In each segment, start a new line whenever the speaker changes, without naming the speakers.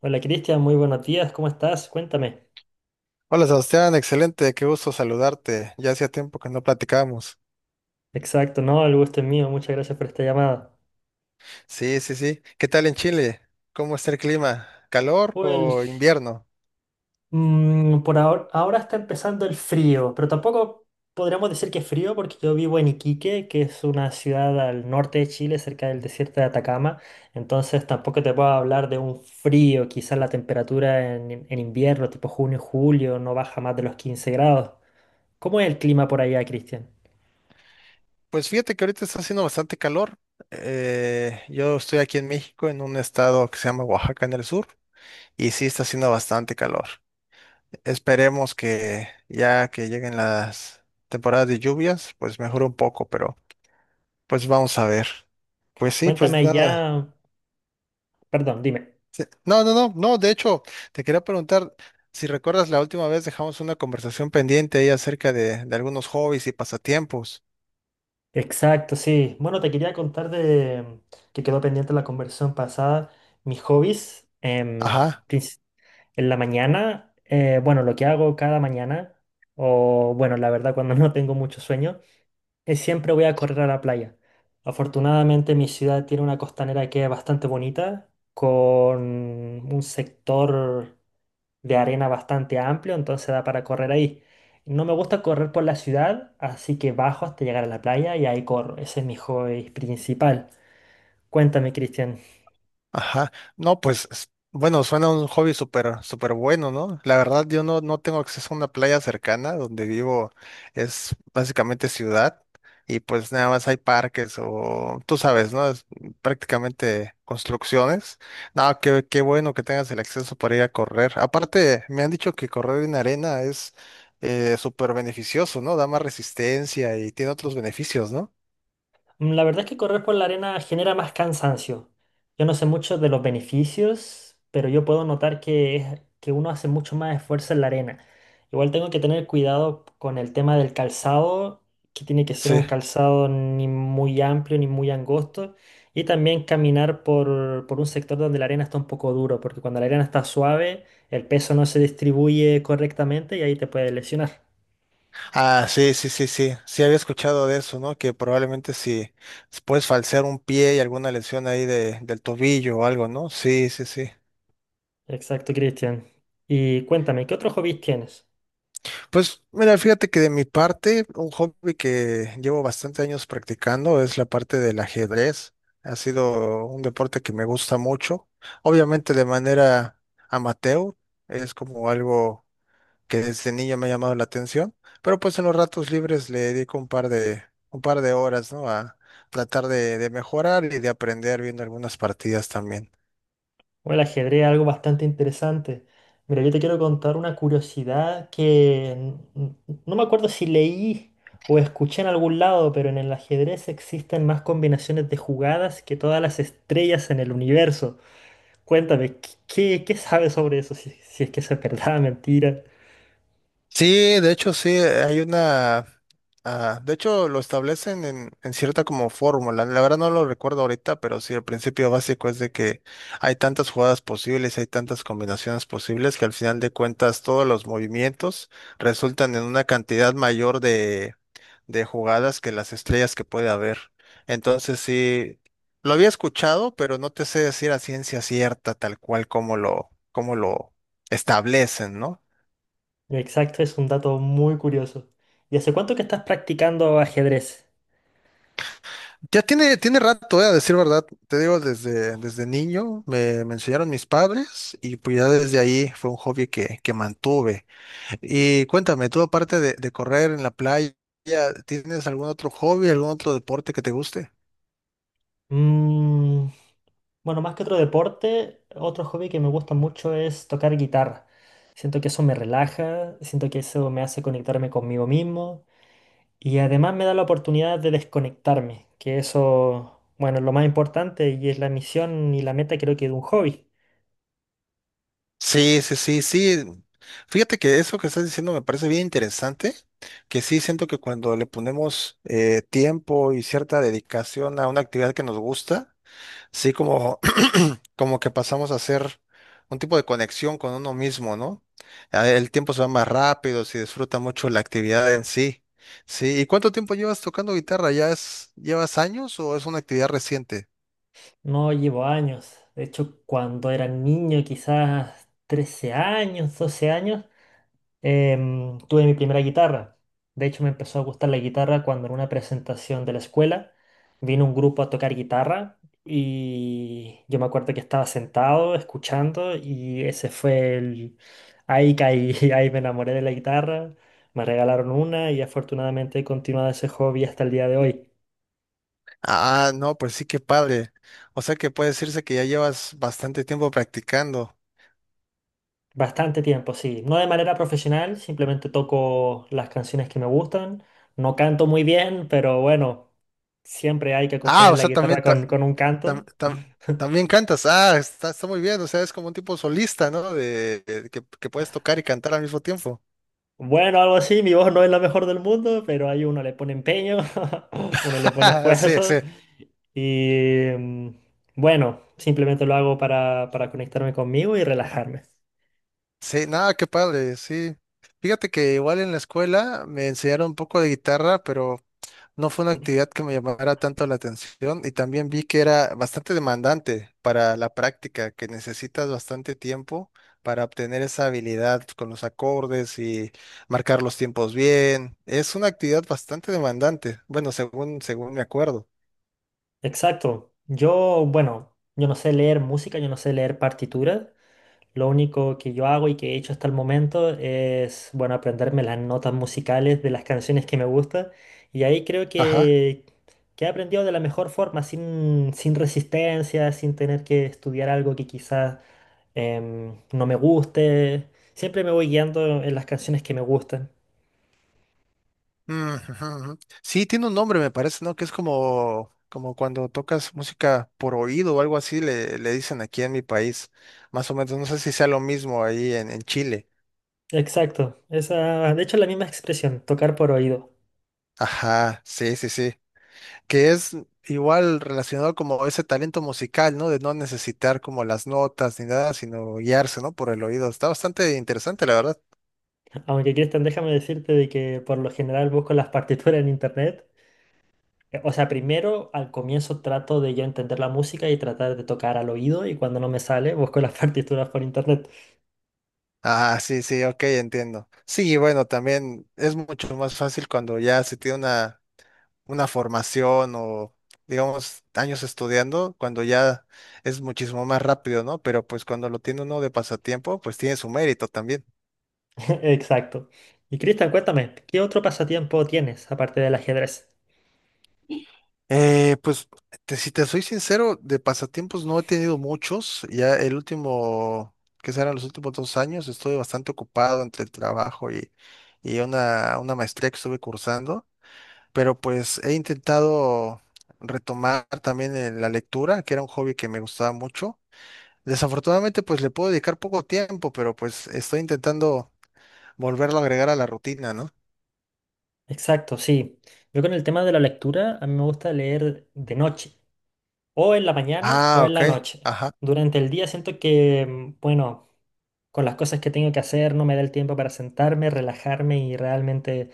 Hola Cristian, muy buenos días, ¿cómo estás? Cuéntame.
Hola Sebastián, excelente, qué gusto saludarte. Ya hacía tiempo que no platicábamos.
Exacto, no, el gusto es mío, muchas gracias por esta llamada.
Sí, sí, sí. ¿Qué tal en Chile? ¿Cómo está el clima? ¿Calor
Well,
o invierno?
por ahora está empezando el frío, pero tampoco podríamos decir que es frío porque yo vivo en Iquique, que es una ciudad al norte de Chile, cerca del desierto de Atacama, entonces tampoco te puedo hablar de un frío, quizás la temperatura en invierno, tipo junio, julio, no baja más de los 15 grados. ¿Cómo es el clima por allá, Cristian?
Pues fíjate que ahorita está haciendo bastante calor. Yo estoy aquí en México, en un estado que se llama Oaxaca en el sur, y sí está haciendo bastante calor. Esperemos que ya que lleguen las temporadas de lluvias, pues mejore un poco, pero pues vamos a ver. Pues sí,
Cuéntame
pues nada.
allá, perdón, dime.
No, no, no, no, de hecho, te quería preguntar si recuerdas la última vez dejamos una conversación pendiente ahí acerca de algunos hobbies y pasatiempos.
Exacto, sí. Bueno, te quería contar de que quedó pendiente la conversación pasada. Mis hobbies
Ajá.
en la mañana, bueno, lo que hago cada mañana, o bueno, la verdad cuando no tengo mucho sueño, es siempre voy a correr a la playa. Afortunadamente mi ciudad tiene una costanera que es bastante bonita, con un sector de arena bastante amplio, entonces da para correr ahí. No me gusta correr por la ciudad, así que bajo hasta llegar a la playa y ahí corro. Ese es mi hobby principal. Cuéntame, Cristian.
Ajá, no, pues, bueno, suena un hobby súper, súper bueno, ¿no? La verdad, yo no, no tengo acceso a una playa cercana, donde vivo es básicamente ciudad y pues nada más hay parques o, tú sabes, ¿no? Es prácticamente construcciones. No, qué bueno que tengas el acceso para ir a correr. Aparte, me han dicho que correr en arena es súper beneficioso, ¿no? Da más resistencia y tiene otros beneficios, ¿no?
La verdad es que correr por la arena genera más cansancio. Yo no sé mucho de los beneficios, pero yo puedo notar que, es- que uno hace mucho más esfuerzo en la arena. Igual tengo que tener cuidado con el tema del calzado, que tiene que ser
Sí.
un calzado ni muy amplio ni muy angosto. Y también caminar por un sector donde la arena está un poco duro, porque cuando la arena está suave, el peso no se distribuye correctamente y ahí te puedes lesionar.
Ah, sí, sí, sí, sí. Sí había escuchado de eso, ¿no? Que probablemente si puedes falsear un pie y alguna lesión ahí del tobillo o algo, ¿no? Sí, sí, sí.
Exacto, Cristian. Y cuéntame, ¿qué otros hobbies tienes?
Pues mira, fíjate que de mi parte, un hobby que llevo bastante años practicando es la parte del ajedrez. Ha sido un deporte que me gusta mucho. Obviamente de manera amateur, es como algo que desde niño me ha llamado la atención, pero pues en los ratos libres le dedico un par de horas, ¿no? A tratar de mejorar y de aprender viendo algunas partidas también.
O el ajedrez, algo bastante interesante. Mira, yo te quiero contar una curiosidad que no me acuerdo si leí o escuché en algún lado, pero en el ajedrez existen más combinaciones de jugadas que todas las estrellas en el universo. Cuéntame, ¿qué sabes sobre eso? Si, si es que eso es verdad, mentira.
Sí, de hecho sí, ah, de hecho lo establecen en cierta como fórmula, la verdad no lo recuerdo ahorita, pero sí, el principio básico es de que hay tantas jugadas posibles, hay tantas combinaciones posibles que al final de cuentas todos los movimientos resultan en una cantidad mayor de jugadas que las estrellas que puede haber. Entonces sí, lo había escuchado, pero no te sé decir a ciencia cierta tal cual como lo establecen, ¿no?
Exacto, es un dato muy curioso. ¿Y hace cuánto que estás practicando ajedrez?
Ya tiene rato, a decir verdad. Te digo, desde niño me enseñaron mis padres y pues ya desde ahí fue un hobby que mantuve. Y cuéntame, tú aparte de correr en la playa, ¿tienes algún otro hobby, algún otro deporte que te guste?
Mmm. Bueno, más que otro deporte, otro hobby que me gusta mucho es tocar guitarra. Siento que eso me relaja, siento que eso me hace conectarme conmigo mismo y además me da la oportunidad de desconectarme, que eso, bueno, es lo más importante y es la misión y la meta creo que de un hobby.
Sí, sí, sí, sí. Fíjate que eso que estás diciendo me parece bien interesante, que sí siento que cuando le ponemos tiempo y cierta dedicación a una actividad que nos gusta, sí como, como que pasamos a hacer un tipo de conexión con uno mismo, ¿no? Ah, el tiempo se va más rápido, se disfruta mucho la actividad en sí. Sí, ¿y cuánto tiempo llevas tocando guitarra? ¿Ya es, llevas años o es una actividad reciente?
No llevo años, de hecho cuando era niño, quizás 13 años, 12 años. Tuve mi primera guitarra. De hecho, me empezó a gustar la guitarra cuando en una presentación de la escuela vino un grupo a tocar guitarra y yo me acuerdo que estaba sentado escuchando y ese fue el... Ahí caí, ahí me enamoré de la guitarra, me regalaron una y afortunadamente he continuado ese hobby hasta el día de hoy.
Ah, no, pues sí, qué padre. O sea que puede decirse que ya llevas bastante tiempo practicando.
Bastante tiempo, sí. No de manera profesional, simplemente toco las canciones que me gustan. No canto muy bien, pero bueno, siempre hay que
Ah,
acompañar
o
la
sea, también,
guitarra con un
tam-
canto.
tam- también cantas. Ah, está muy bien. O sea, es como un tipo solista, ¿no? De, que puedes tocar y cantar al mismo tiempo.
Bueno, algo así, mi voz no es la mejor del mundo, pero ahí uno le pone empeño, uno le pone
Sí,
esfuerzo.
sí.
Y bueno, simplemente lo hago para conectarme conmigo y relajarme.
Sí, nada, qué padre, sí. Fíjate que igual en la escuela me enseñaron un poco de guitarra, pero no fue una actividad que me llamara tanto la atención y también vi que era bastante demandante para la práctica, que necesitas bastante tiempo para obtener esa habilidad con los acordes y marcar los tiempos bien. Es una actividad bastante demandante, bueno, según, según me acuerdo.
Exacto. Yo, bueno, yo no sé leer música, yo no sé leer partituras. Lo único que yo hago y que he hecho hasta el momento es, bueno, aprenderme las notas musicales de las canciones que me gustan. Y ahí creo
Ajá.
que he aprendido de la mejor forma, sin resistencia, sin tener que estudiar algo que quizás no me guste. Siempre me voy guiando en las canciones que me gustan.
Mm, ujú, ujú. Sí, tiene un nombre, me parece, ¿no? Que es como, como cuando tocas música por oído o algo así, le dicen aquí en mi país. Más o menos, no sé si sea lo mismo ahí en Chile.
Exacto, esa, de hecho es la misma expresión, tocar por oído.
Ajá, sí, sí, sí. Que es igual relacionado como ese talento musical, ¿no? De no necesitar como las notas ni nada, sino guiarse, ¿no? Por el oído. Está bastante interesante, la verdad.
Aunque Cristian, déjame decirte de que por lo general busco las partituras en internet. O sea, primero al comienzo trato de yo entender la música y tratar de tocar al oído y cuando no me sale busco las partituras por internet.
Ah, sí, sí, ok, entiendo. Sí, y bueno, también es mucho más fácil cuando ya se tiene una formación o, digamos, años estudiando, cuando ya es muchísimo más rápido, ¿no? Pero pues cuando lo tiene uno de pasatiempo, pues tiene su mérito también.
Exacto. Y Cristian, cuéntame, ¿qué otro pasatiempo tienes aparte del ajedrez?
Pues, si te soy sincero, de pasatiempos no he tenido muchos. Ya el último, que serán los últimos 2 años, estoy bastante ocupado entre el trabajo y una maestría que estuve cursando. Pero pues he intentado retomar también la lectura, que era un hobby que me gustaba mucho. Desafortunadamente, pues le puedo dedicar poco tiempo, pero pues estoy intentando volverlo a agregar a la rutina, ¿no?
Exacto, sí. Yo con el tema de la lectura, a mí me gusta leer de noche, o en la mañana
Ah,
o en
ok.
la noche.
Ajá.
Durante el día siento que, bueno, con las cosas que tengo que hacer no me da el tiempo para sentarme, relajarme y realmente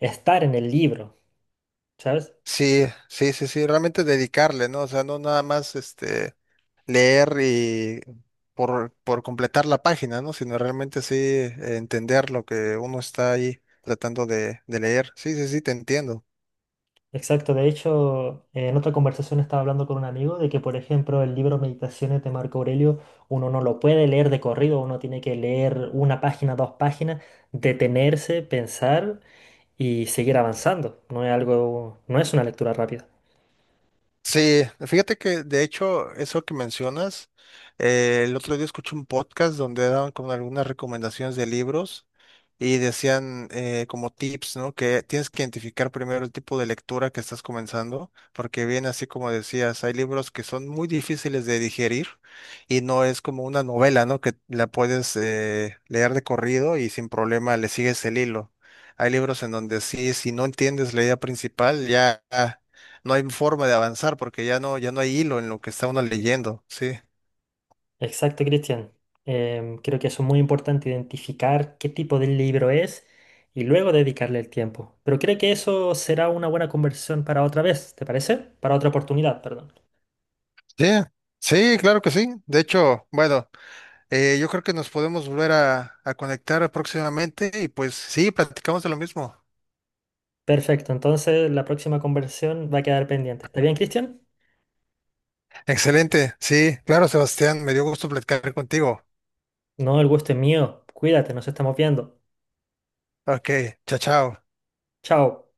estar en el libro, ¿sabes?
Sí, sí, sí, sí, realmente dedicarle, ¿no? O sea, no nada más este leer y por completar la página, ¿no? Sino realmente sí entender lo que uno está ahí tratando de leer. Sí, sí, sí, te entiendo.
Exacto, de hecho, en otra conversación estaba hablando con un amigo de que, por ejemplo, el libro Meditaciones de Marco Aurelio, uno no lo puede leer de corrido, uno tiene que leer una página, dos páginas, detenerse, pensar y seguir avanzando. No es algo, no es una lectura rápida.
Sí, fíjate que de hecho eso que mencionas, el otro día escuché un podcast donde daban como algunas recomendaciones de libros y decían como tips, ¿no? Que tienes que identificar primero el tipo de lectura que estás comenzando, porque bien así como decías, hay libros que son muy difíciles de digerir y no es como una novela, ¿no? Que la puedes leer de corrido y sin problema le sigues el hilo. Hay libros en donde sí, si no entiendes la idea principal, ya no hay forma de avanzar porque ya no hay hilo en lo que está uno leyendo, sí.
Exacto, Cristian. Creo que eso es muy importante, identificar qué tipo de libro es y luego dedicarle el tiempo. Pero creo que eso será una buena conversación para otra vez, ¿te parece? Para otra oportunidad, perdón.
Sí, sí, claro que sí. De hecho, bueno, yo creo que nos podemos volver a conectar próximamente y pues sí, platicamos de lo mismo.
Perfecto, entonces la próxima conversación va a quedar pendiente. ¿Está bien, Cristian?
Excelente, sí, claro, Sebastián, me dio gusto platicar contigo.
No, el gusto es mío. Cuídate, nos estamos viendo.
Ok, chao, chao.
Chao.